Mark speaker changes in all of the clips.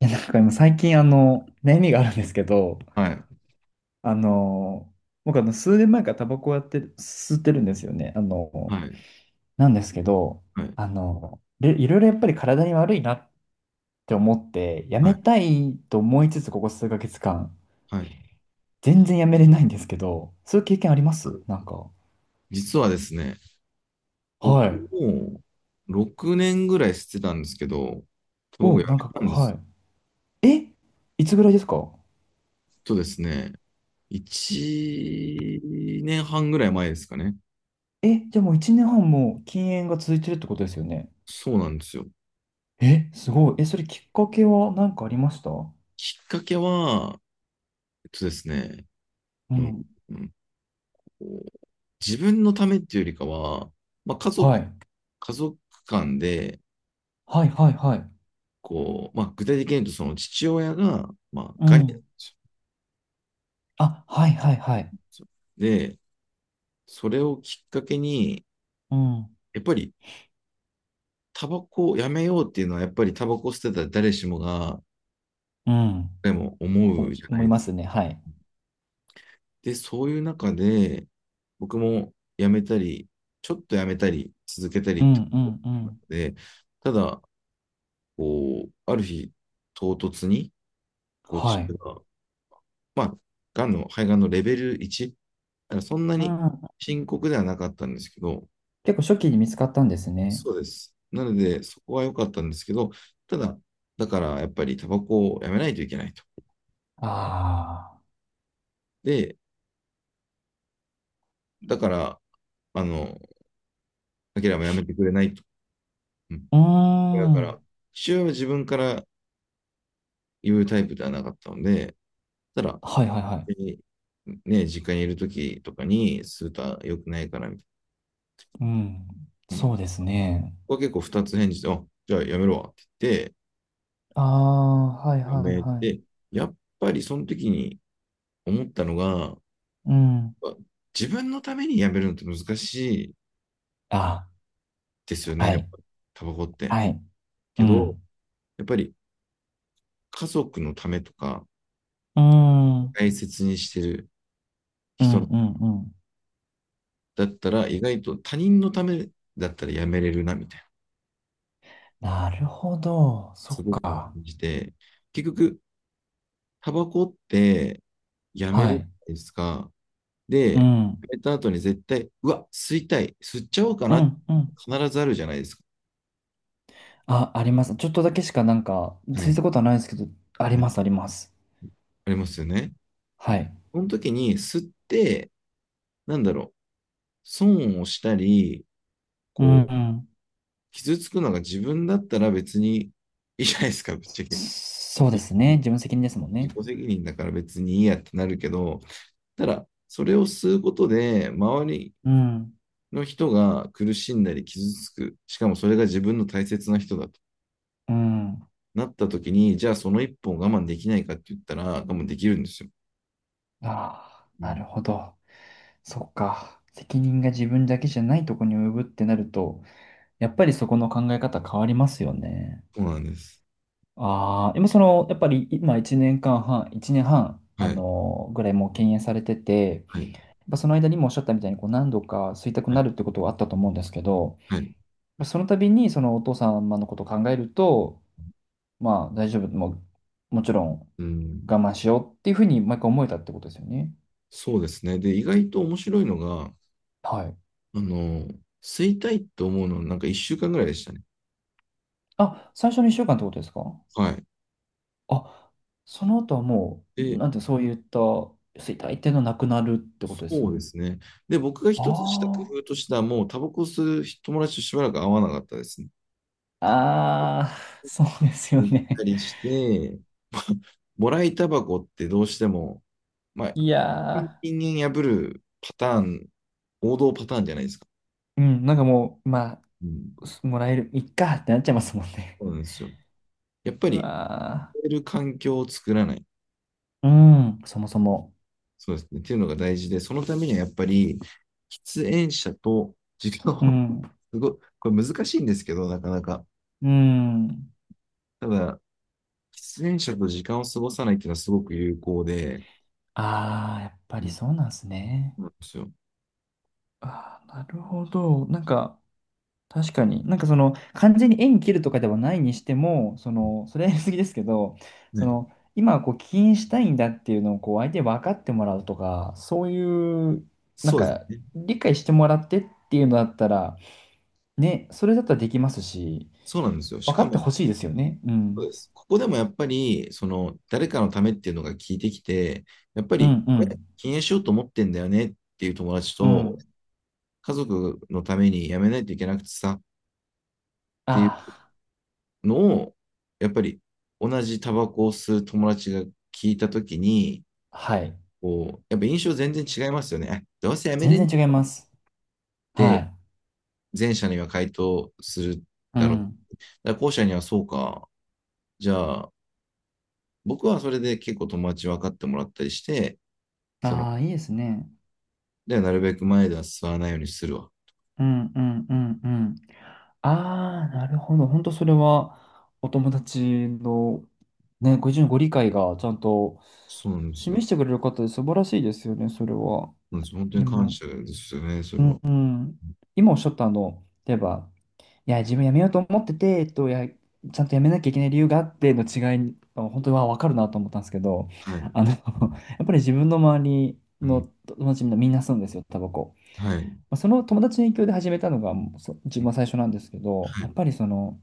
Speaker 1: いや、なんか今最近悩みがあるんですけど、
Speaker 2: はい、
Speaker 1: あの、僕数年前からタバコをやって、吸ってるんですよね。
Speaker 2: はい、
Speaker 1: なんですけど、
Speaker 2: はい、
Speaker 1: でいろいろやっぱり体に悪いなって思って、や
Speaker 2: は
Speaker 1: め
Speaker 2: い、
Speaker 1: たいと思いつつ、ここ数ヶ月間、
Speaker 2: はい。
Speaker 1: 全然やめれないんですけど、そういう経験ありま
Speaker 2: あ
Speaker 1: す
Speaker 2: る。
Speaker 1: なんか。
Speaker 2: 実はですね、僕
Speaker 1: はい。
Speaker 2: も6年ぐらいしてたんですけど、
Speaker 1: お、
Speaker 2: 僕辞
Speaker 1: な
Speaker 2: め
Speaker 1: んか
Speaker 2: た
Speaker 1: こ
Speaker 2: んで
Speaker 1: う、は
Speaker 2: す。
Speaker 1: い。え、いつぐらいですか？
Speaker 2: とですね、1年半ぐらい前ですかね。
Speaker 1: え、じゃあもう1年半も禁煙が続いてるってことですよね。
Speaker 2: そうなんですよ。
Speaker 1: え、すごい。え、それきっかけは何かありました？
Speaker 2: きっかけは、えっとですね、
Speaker 1: う
Speaker 2: うん、
Speaker 1: ん。
Speaker 2: うんこう自分のためっていうよりかは、まあ、家
Speaker 1: は
Speaker 2: 族、
Speaker 1: い。
Speaker 2: 家族間で、
Speaker 1: はいはいはい。
Speaker 2: こう、まあ、具体的に言うと、その父親が、まあ、
Speaker 1: う
Speaker 2: ガニなっ
Speaker 1: ん。
Speaker 2: た
Speaker 1: あ、はいはいはい。
Speaker 2: んですよ。で、それをきっかけに、
Speaker 1: うん。
Speaker 2: やっぱりタバコをやめようっていうのは、やっぱりタバコを捨てたら誰しもが、
Speaker 1: うん。
Speaker 2: でも思
Speaker 1: お
Speaker 2: うじゃない
Speaker 1: 思い
Speaker 2: で
Speaker 1: ま
Speaker 2: すか。
Speaker 1: すね。はい。
Speaker 2: で、そういう中で、僕もやめたり、ちょっとやめたり、続けた
Speaker 1: う
Speaker 2: りって
Speaker 1: んう
Speaker 2: こ
Speaker 1: んう
Speaker 2: となの
Speaker 1: ん。
Speaker 2: で、ただ、こう、ある日、唐突に、こう、
Speaker 1: は
Speaker 2: 父
Speaker 1: い。
Speaker 2: が、まあ、がんの、肺がんのレベル1、だからそんな
Speaker 1: う
Speaker 2: に
Speaker 1: ん。
Speaker 2: 深刻ではなかったんですけど、
Speaker 1: 結構初期に見つかったんですね。
Speaker 2: そうです。なので、そこは良かったんですけど、ただ、だからやっぱりタバコをやめないといけないと。
Speaker 1: あ
Speaker 2: で、だから、あの、アキラもやめてくれないと。うん、
Speaker 1: あ。うー
Speaker 2: 親から。
Speaker 1: ん。
Speaker 2: 父親は自分から言うタイプではなかったので、ただ、
Speaker 1: はいはいは
Speaker 2: 別にね、実家にいる時とかに、スーター良くないからみた
Speaker 1: い。うん。
Speaker 2: いな。うん。こ
Speaker 1: そうですね。
Speaker 2: こは結構二つ返事で、あ、じゃあやめろわって言って、
Speaker 1: ああ、はい
Speaker 2: や
Speaker 1: はい
Speaker 2: め
Speaker 1: は
Speaker 2: て、
Speaker 1: い。
Speaker 2: やっぱりその時に思ったのが、
Speaker 1: うん。
Speaker 2: あ自分のためにやめるのって難しい
Speaker 1: あ、
Speaker 2: ですよね、
Speaker 1: は
Speaker 2: やっ
Speaker 1: い。
Speaker 2: ぱタバコって。
Speaker 1: はい。う
Speaker 2: けど、
Speaker 1: ん。
Speaker 2: やっぱり家族のためとか、
Speaker 1: うーん。
Speaker 2: 大切にしてる
Speaker 1: う
Speaker 2: 人
Speaker 1: ん
Speaker 2: の
Speaker 1: うんうん。
Speaker 2: だったら、意外と他人のためだったらやめれるな、みたいな。
Speaker 1: なるほど。そ
Speaker 2: す
Speaker 1: っ
Speaker 2: ごく
Speaker 1: か。
Speaker 2: 感じて、結局、タバコってやめ
Speaker 1: は
Speaker 2: るじ
Speaker 1: い。
Speaker 2: ゃないですか。で、
Speaker 1: う
Speaker 2: や
Speaker 1: ん。
Speaker 2: めた後に絶対、うわ、吸いたい、吸っちゃおうか
Speaker 1: う
Speaker 2: な、
Speaker 1: んうん。
Speaker 2: 必ずあるじゃないですか。
Speaker 1: あ、あります。ちょっとだけしかなんか、
Speaker 2: は
Speaker 1: つい
Speaker 2: い、
Speaker 1: たことはないですけど、あり
Speaker 2: はい、
Speaker 1: ます、あります。
Speaker 2: ありますよね。
Speaker 1: はい。
Speaker 2: その時に吸って、なんだろう、損をしたり、
Speaker 1: うん、う
Speaker 2: こう、
Speaker 1: ん。
Speaker 2: 傷つくのが自分だったら別にいいじゃないですか、ぶっちゃけ。
Speaker 1: そうですね。自分責任ですもんね。
Speaker 2: 自己責任だから別にいいやってなるけど、ただ、それを吸うことで、周り
Speaker 1: うん、
Speaker 2: の人が苦しんだり傷つく、しかもそれが自分の大切な人だと
Speaker 1: うん。
Speaker 2: なったときに、じゃあその一本我慢できないかって言ったら、我慢できるんですよ。
Speaker 1: あ
Speaker 2: う
Speaker 1: あ、なる
Speaker 2: ん。
Speaker 1: ほど。そっか。責任が自分だけじゃないとこに及ぶってなると、やっぱりそこの考え方変わりますよね。
Speaker 2: そうなんです。
Speaker 1: ああ、でもその、やっぱり今1年間半、1年半、
Speaker 2: はい。
Speaker 1: ぐらいもう敬遠されてて、
Speaker 2: はい。
Speaker 1: やっぱその間にもおっしゃったみたいに、こう何度か吸いたく
Speaker 2: は
Speaker 1: な
Speaker 2: い。
Speaker 1: るってことはあったと思うんですけど、
Speaker 2: はい。
Speaker 1: まあその度にそのお父様のことを考えると、まあ大丈夫、もう、もちろん
Speaker 2: うん。
Speaker 1: 我慢しようっていうふうに毎回思えたってことですよね。
Speaker 2: そうですね。で、意外と面白いのが、
Speaker 1: はい。
Speaker 2: あの、吸いたいと思うのはなんか1週間ぐらいでしたね。
Speaker 1: あ、最初の1週間ってことですか？
Speaker 2: はい。
Speaker 1: あ、その後はもう、
Speaker 2: で、
Speaker 1: なんてそういった、衰退っていうのはなくなるってことです？
Speaker 2: そうですね。で、僕が一つした工
Speaker 1: あ
Speaker 2: 夫としては、もうタバコ吸う友達としばらく会わなかったですね。
Speaker 1: あ、ああ、そうですよ
Speaker 2: 行った
Speaker 1: ね。
Speaker 2: りして、もらいタバコってどうしても、ま あ、
Speaker 1: いや
Speaker 2: 人間破るパターン、王道パターンじゃないですか。
Speaker 1: ー、うん、なんかもう、ま
Speaker 2: うん。
Speaker 1: あ、すもらえる、いっかってなっちゃいますもんね。
Speaker 2: そうなんですよ。やっ ぱ
Speaker 1: う
Speaker 2: り、
Speaker 1: わ
Speaker 2: 吸る環境を作らない。
Speaker 1: ー、うん、そもそも。
Speaker 2: そうですね。っていうのが大事で、そのためにはやっぱり、喫煙者と時間
Speaker 1: う
Speaker 2: を、
Speaker 1: ん、
Speaker 2: すごい、これ難しいんですけど、なかなか。
Speaker 1: うん。
Speaker 2: ただ、喫煙者と時間を過ごさないっていうのはすごく有効で、
Speaker 1: ああ、やっぱ
Speaker 2: う
Speaker 1: り
Speaker 2: ん、
Speaker 1: そうなんですね。
Speaker 2: そうなんですよ。
Speaker 1: ああ、なるほど。なんか、確かに。なんかその、完全に縁切るとかではないにしても、その、それはやりすぎですけど、そ
Speaker 2: ね、
Speaker 1: の、今、こう、起因したいんだっていうのを、こう、相手に分かってもらうとか、そういう、なん
Speaker 2: そうです
Speaker 1: か、
Speaker 2: ね。
Speaker 1: 理解してもらってっていうのだったら、ね、それだったらできますし、
Speaker 2: そうなんですよ。し
Speaker 1: 分か
Speaker 2: か
Speaker 1: って
Speaker 2: も、
Speaker 1: ほしいですよね。う
Speaker 2: そうで
Speaker 1: ん。
Speaker 2: す。ここでもやっぱり、その、誰かのためっていうのが聞いてきて、やっぱ
Speaker 1: う
Speaker 2: り、
Speaker 1: ん、う
Speaker 2: これ、
Speaker 1: ん、
Speaker 2: 禁煙しようと思ってんだよねっていう友達
Speaker 1: う
Speaker 2: と、
Speaker 1: ん。
Speaker 2: 家族のためにやめないといけなくてさってい
Speaker 1: あ
Speaker 2: うのを、やっぱり、同じタバコを吸う友達が聞いたときに、
Speaker 1: あ、はい。
Speaker 2: こう、やっぱ印象全然違いますよね。どうせやめ
Speaker 1: 全
Speaker 2: れんね
Speaker 1: 然違い
Speaker 2: っ
Speaker 1: ます。は
Speaker 2: て
Speaker 1: い。
Speaker 2: 前者には回答する
Speaker 1: う
Speaker 2: だろう。
Speaker 1: ん。
Speaker 2: だから後者にはそうか。じゃあ、僕はそれで結構友達分かってもらったりして、その
Speaker 1: ああ、いいですね。
Speaker 2: で、なるべく前では座らないようにするわ。
Speaker 1: うんうんうんうん。ああ、なるほど。本当それはお友達のね、ご自身のご理解がちゃんと
Speaker 2: そうなんですよ。
Speaker 1: 示してくれる方で素晴らしいですよね、それは。
Speaker 2: なんですよ、本当に
Speaker 1: で
Speaker 2: 感
Speaker 1: も、
Speaker 2: 謝ですよね、そ
Speaker 1: う
Speaker 2: れ
Speaker 1: ん
Speaker 2: は。
Speaker 1: うん、今おっしゃった例えば、いや、自分辞めようと思ってて、いや、ちゃんと辞めなきゃいけない理由があっての違い、本当は分かるなと思ったんですけど、
Speaker 2: はい。
Speaker 1: やっぱり自分の周り
Speaker 2: う
Speaker 1: の
Speaker 2: ん。
Speaker 1: 友達みんなみんな吸うんですよ、タバコ。
Speaker 2: はい。
Speaker 1: まあその友達の影響で始めたのがそ自
Speaker 2: う
Speaker 1: 分
Speaker 2: ん。
Speaker 1: は最初なんですけど、
Speaker 2: は
Speaker 1: やっ
Speaker 2: い。
Speaker 1: ぱりその、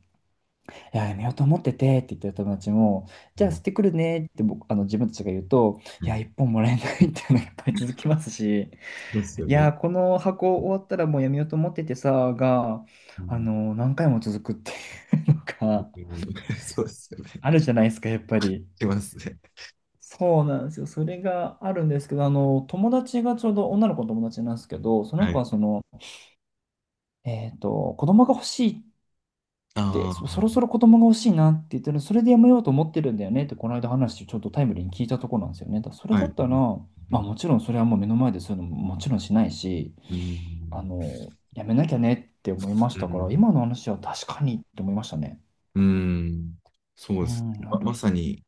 Speaker 1: いや、やめようと思っててって言ってる友達も、じ
Speaker 2: う
Speaker 1: ゃあ捨
Speaker 2: ん。
Speaker 1: ててくるねって僕、自分たちが言うと、
Speaker 2: は
Speaker 1: いや、
Speaker 2: い。
Speaker 1: 一本もらえないっていうのがやっぱり続きますし、
Speaker 2: そうですよ
Speaker 1: いや、
Speaker 2: ね。
Speaker 1: この箱終わったらもうやめようと思っててさ、が、
Speaker 2: うん。
Speaker 1: 何回も続くっていうの
Speaker 2: う
Speaker 1: が
Speaker 2: ん。 そうですよね。
Speaker 1: あるじゃないですか、やっぱり。
Speaker 2: しますね。
Speaker 1: そうなんですよ。それがあるんですけど、友達がちょうど女の子の友達なんですけど、その
Speaker 2: は
Speaker 1: 子
Speaker 2: い。
Speaker 1: はその、子供が欲しいて、そろ
Speaker 2: あ
Speaker 1: そろ子供が欲しいなって言ってるそれでやめようと思ってるんだよねって、この間話、ちょっとタイムリーに聞いたところなんですよね。だからそれ
Speaker 2: あ、は
Speaker 1: だっ
Speaker 2: い。
Speaker 1: たら、
Speaker 2: う
Speaker 1: まあ、
Speaker 2: ん。
Speaker 1: もちろんそれはもう目の前でそういうのももちろんしないし、
Speaker 2: うん。
Speaker 1: やめなきゃねって思いまし
Speaker 2: うん。
Speaker 1: た
Speaker 2: う
Speaker 1: か
Speaker 2: ん
Speaker 1: ら、今の話は確かにって思いましたね。
Speaker 2: うん、そう
Speaker 1: う
Speaker 2: です
Speaker 1: ん、
Speaker 2: ね。
Speaker 1: な
Speaker 2: ま、
Speaker 1: る。
Speaker 2: まさに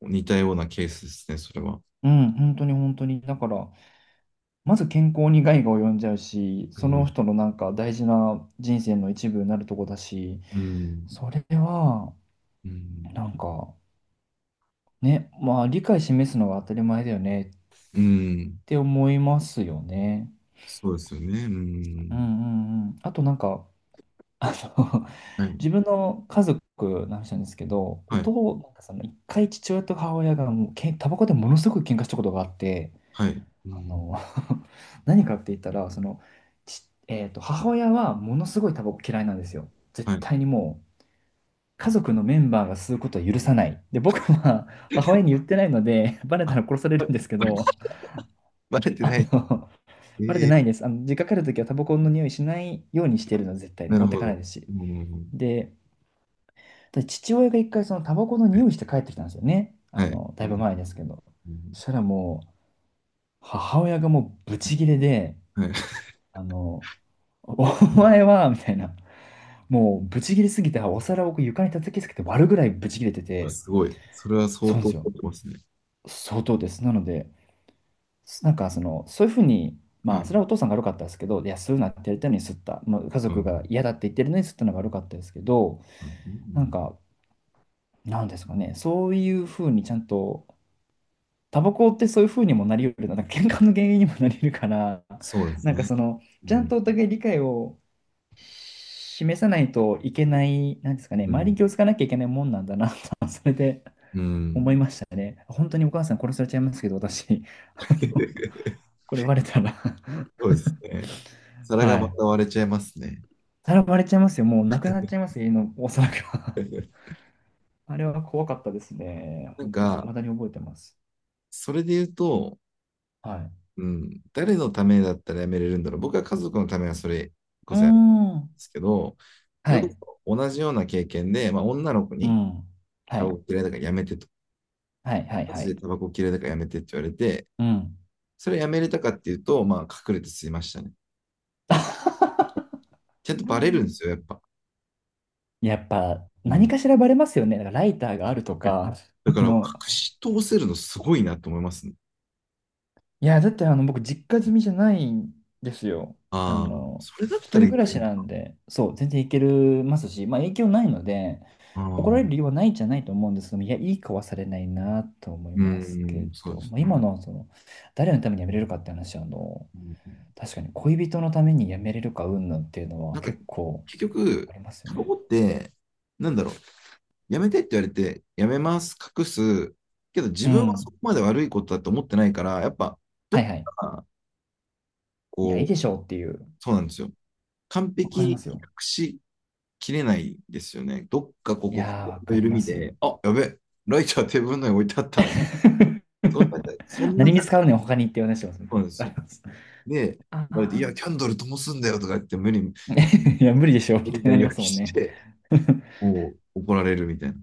Speaker 2: 似たようなケースですね、それは。
Speaker 1: うん、本当に本当に。だから、まず健康に害が及んじゃうし、
Speaker 2: う
Speaker 1: その
Speaker 2: ん。
Speaker 1: 人のなんか大事な人生の一部になるとこだし、
Speaker 2: うん。
Speaker 1: それは、
Speaker 2: うん。
Speaker 1: なんか、ね、まあ理解示すのが当たり前だよね
Speaker 2: うん。
Speaker 1: て思いますよね。
Speaker 2: そうですよね。う
Speaker 1: うんう
Speaker 2: ん。
Speaker 1: んうん。あとなんか、あの
Speaker 2: は い。
Speaker 1: 自分の家族の話なんですけど、お
Speaker 2: はい。
Speaker 1: 父、なんかその一回父親と母親がもうタバコでものすごく喧嘩したことがあって、
Speaker 2: はい。う
Speaker 1: あの
Speaker 2: ん。
Speaker 1: 何かって言ったら、その、ち、えーと、母親はものすごいタバコ嫌いなんですよ。
Speaker 2: は
Speaker 1: 絶
Speaker 2: い。
Speaker 1: 対にもう、家族のメンバーが吸うことは許さない。で、僕は 母親に言ってないので、バレた
Speaker 2: あ、
Speaker 1: ら殺さ れ
Speaker 2: ば
Speaker 1: る
Speaker 2: ば
Speaker 1: んですけど、
Speaker 2: バレて
Speaker 1: あ
Speaker 2: ない。
Speaker 1: の、バレて
Speaker 2: ええ、
Speaker 1: ないです。実家帰るときはタバコの匂いしないようにしてるの、絶対に
Speaker 2: な
Speaker 1: 持
Speaker 2: る
Speaker 1: って
Speaker 2: ほ
Speaker 1: かない
Speaker 2: ど。
Speaker 1: ですし。
Speaker 2: うん。
Speaker 1: で、父親が一回そのタバコの匂いして帰ってきたんですよね。
Speaker 2: はい。はい、う
Speaker 1: だいぶ
Speaker 2: ん。
Speaker 1: 前ですけど。
Speaker 2: うん、
Speaker 1: そしたらもう、母親がもうブチギレで、
Speaker 2: はい。
Speaker 1: あの、お前は、みたいな、もうブチギレすぎて、お皿をこう床に叩きつけて割るぐらいブチギレて て、
Speaker 2: すごい。それは相
Speaker 1: そうなん
Speaker 2: 当
Speaker 1: ですよ。
Speaker 2: 凝ってますね。
Speaker 1: 相当です。なので、なんかその、そういうふうに、
Speaker 2: はい。
Speaker 1: まあ、
Speaker 2: う
Speaker 1: それはお父さんが悪かったですけど、いや、そういうのやってやりたいのに吸った、まあ、家
Speaker 2: ん。う
Speaker 1: 族が
Speaker 2: ん
Speaker 1: 嫌だって言ってるのに吸ったのが悪かったですけど、
Speaker 2: う
Speaker 1: なん
Speaker 2: ん、
Speaker 1: か、なんですかね、そういうふうにちゃんと、タバコってそういうふうにもなり得るな、なんか喧嘩の原因にもなり得るから、
Speaker 2: そうです
Speaker 1: なんか
Speaker 2: ね。
Speaker 1: その、
Speaker 2: う
Speaker 1: ちゃん
Speaker 2: ん。
Speaker 1: とお互い理解を示さないといけない、なんですかね、
Speaker 2: う
Speaker 1: 周り
Speaker 2: ん。
Speaker 1: に気をつかなきゃいけないもんなんだな、それで、
Speaker 2: うん。
Speaker 1: 本当にお母さん殺されちゃいますけど、私、あの これバレたら
Speaker 2: そうですね。皿が
Speaker 1: は
Speaker 2: ま
Speaker 1: い。
Speaker 2: た割れちゃいますね。
Speaker 1: さらわれちゃいますよ。もうなくなっちゃいますよ、家のお皿が。あれは怖かったですね。
Speaker 2: なん
Speaker 1: 本当に。
Speaker 2: か、
Speaker 1: 未だに覚えてます。
Speaker 2: それで言うと、
Speaker 1: はい。
Speaker 2: うん、誰のためだったらやめれるんだろう。僕は家族のためはそれこ
Speaker 1: うー
Speaker 2: そやで
Speaker 1: ん。
Speaker 2: すけど、そ
Speaker 1: は
Speaker 2: れこ
Speaker 1: い。
Speaker 2: そ同じような経験で、まあ、女の子
Speaker 1: う
Speaker 2: に
Speaker 1: ん。は
Speaker 2: タバ
Speaker 1: い。
Speaker 2: コ嫌いだからやめてと、
Speaker 1: はい、はい、
Speaker 2: マ
Speaker 1: は
Speaker 2: ジで
Speaker 1: い。
Speaker 2: タバコ嫌いだからやめてって言われて、
Speaker 1: うん。
Speaker 2: それやめれたかっていうと、まあ、隠れて吸いましたね。ちゃんとバレるんですよ、やっぱ。
Speaker 1: やっぱ、
Speaker 2: う
Speaker 1: 何
Speaker 2: ん。
Speaker 1: かしらバレますよね。だからライターがあるとか、
Speaker 2: だか
Speaker 1: あ
Speaker 2: ら、隠
Speaker 1: の、
Speaker 2: し通せるのすごいなと思いますね。
Speaker 1: いや、だって僕、実家住みじゃないんですよ。あ
Speaker 2: ああ、
Speaker 1: の、
Speaker 2: それだっ
Speaker 1: 一
Speaker 2: たら
Speaker 1: 人
Speaker 2: い
Speaker 1: 暮
Speaker 2: け
Speaker 1: ら
Speaker 2: る
Speaker 1: し
Speaker 2: の
Speaker 1: なん
Speaker 2: か。
Speaker 1: で、そう、全然いけるますし、まあ影響ないので、
Speaker 2: あ
Speaker 1: 怒られる理由
Speaker 2: あ、
Speaker 1: はないんじゃないと思うんですけども、いや、いい子はされないなと思い
Speaker 2: う
Speaker 1: ますけ
Speaker 2: ん、そう
Speaker 1: ど、
Speaker 2: です
Speaker 1: まあ、今
Speaker 2: ね。
Speaker 1: の、その、誰のために辞めれるかって話は、
Speaker 2: うん、
Speaker 1: 確かに恋人のために辞めれるか云々っていうの
Speaker 2: な
Speaker 1: は
Speaker 2: んか、
Speaker 1: 結構
Speaker 2: 結
Speaker 1: あ
Speaker 2: 局、
Speaker 1: りますよ
Speaker 2: タバコ
Speaker 1: ね。
Speaker 2: って、なんだろう、やめてって言われて、やめます、隠す、けど自
Speaker 1: う
Speaker 2: 分はそ
Speaker 1: ん。
Speaker 2: こまで悪いことだと思ってないから、やっぱ、
Speaker 1: は
Speaker 2: ど
Speaker 1: い
Speaker 2: っ
Speaker 1: はい。
Speaker 2: か、
Speaker 1: いや、いい
Speaker 2: こ
Speaker 1: で
Speaker 2: う、
Speaker 1: しょうっていう。
Speaker 2: そうなんですよ。完
Speaker 1: わ
Speaker 2: 璧
Speaker 1: か
Speaker 2: に
Speaker 1: ります
Speaker 2: 隠
Speaker 1: よ。
Speaker 2: しきれないですよね。どっかこ
Speaker 1: い
Speaker 2: こ、ここ
Speaker 1: やー、わ
Speaker 2: の
Speaker 1: かり
Speaker 2: 緩
Speaker 1: ま
Speaker 2: み
Speaker 1: す。
Speaker 2: で、あ、やべ、ライターテーブルの上に置いてあったみたいな。そんな、そん
Speaker 1: 何
Speaker 2: な
Speaker 1: に
Speaker 2: 感
Speaker 1: 使
Speaker 2: じ
Speaker 1: うねん、他にって話しますね。
Speaker 2: なんです よ。で、言
Speaker 1: あ
Speaker 2: われて、い
Speaker 1: あ、
Speaker 2: や、キャンドル灯すんだよとか言って、無理、無
Speaker 1: いや、無理でしょ、みたい
Speaker 2: 理な
Speaker 1: にな
Speaker 2: 言い
Speaker 1: りま
Speaker 2: 訳
Speaker 1: すもん
Speaker 2: し
Speaker 1: ね。
Speaker 2: て、こう、怒られるみたい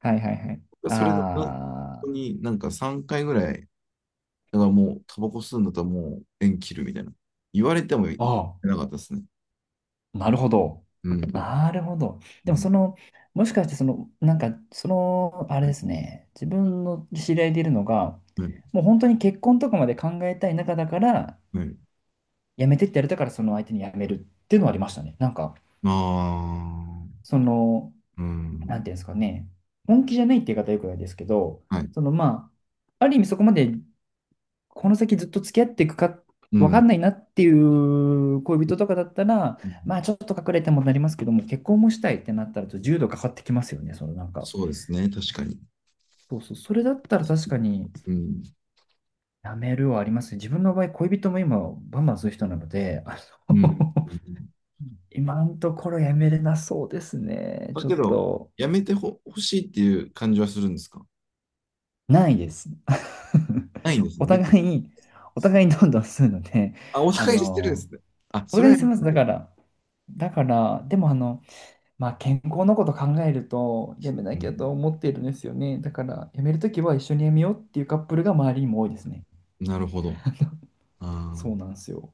Speaker 1: はいはいはい。
Speaker 2: な。それで、本
Speaker 1: あ
Speaker 2: 当になんか3回ぐらいだからもう、タバコ吸うんだったらもう縁切るみたいな。言われても言っ
Speaker 1: あ、
Speaker 2: てな
Speaker 1: あ
Speaker 2: かったですね。
Speaker 1: あ、なるほど。
Speaker 2: うん。
Speaker 1: なるほど。
Speaker 2: う
Speaker 1: でも、
Speaker 2: ん。
Speaker 1: その、もしかして、その、なんか、その、あれですね、自分の知り合いでいるのが、
Speaker 2: はい。
Speaker 1: もう本当に結婚とかまで考えたい中だから、
Speaker 2: はい。
Speaker 1: やめてってやれたから、その相手にやめるっていうのはありましたね。なんか、
Speaker 2: あ
Speaker 1: その、
Speaker 2: あー。う
Speaker 1: な
Speaker 2: ん。
Speaker 1: んていうんですかね、本気じゃないって言い方はよくないですけど、
Speaker 2: はい。
Speaker 1: そのまあ、ある意味そこまでこの先ずっと付き合っていくか
Speaker 2: う
Speaker 1: 分か
Speaker 2: ん。
Speaker 1: んないなっていう恋人とかだったら、
Speaker 2: う
Speaker 1: ま
Speaker 2: ん、
Speaker 1: あちょっと隠れてもなりますけども、結婚もしたいってなったらちょっと重度かかってきますよね、そのなんか。
Speaker 2: そうですね。確かに。
Speaker 1: そうそう、それだったら確かに
Speaker 2: うん。
Speaker 1: やめるはありますね。自分の場合、恋人も今バンバンする人なので、
Speaker 2: うん。
Speaker 1: の 今のところやめれなそうですね。
Speaker 2: まあ
Speaker 1: ちょっ
Speaker 2: けど、
Speaker 1: と。
Speaker 2: やめてほ、欲しいっていう感じはするんですか？
Speaker 1: ないです。
Speaker 2: ないんです
Speaker 1: お
Speaker 2: ね。別に。
Speaker 1: 互い、お互い、どんどん吸うので、
Speaker 2: あ、お
Speaker 1: あ
Speaker 2: 互いしてるんで
Speaker 1: の、
Speaker 2: すね。あ、
Speaker 1: お
Speaker 2: それ
Speaker 1: 互い
Speaker 2: は
Speaker 1: 吸
Speaker 2: や
Speaker 1: い
Speaker 2: めて
Speaker 1: ます。
Speaker 2: な
Speaker 1: だ
Speaker 2: い。
Speaker 1: から、でもまあ、健康のこと考えると、やめ
Speaker 2: う
Speaker 1: なきゃ
Speaker 2: ん。
Speaker 1: と思ってるんですよね。だから、やめるときは一緒にやめようっていうカップルが周りにも多いですね。
Speaker 2: なるほど。あ
Speaker 1: そう
Speaker 2: あ。
Speaker 1: なんですよ。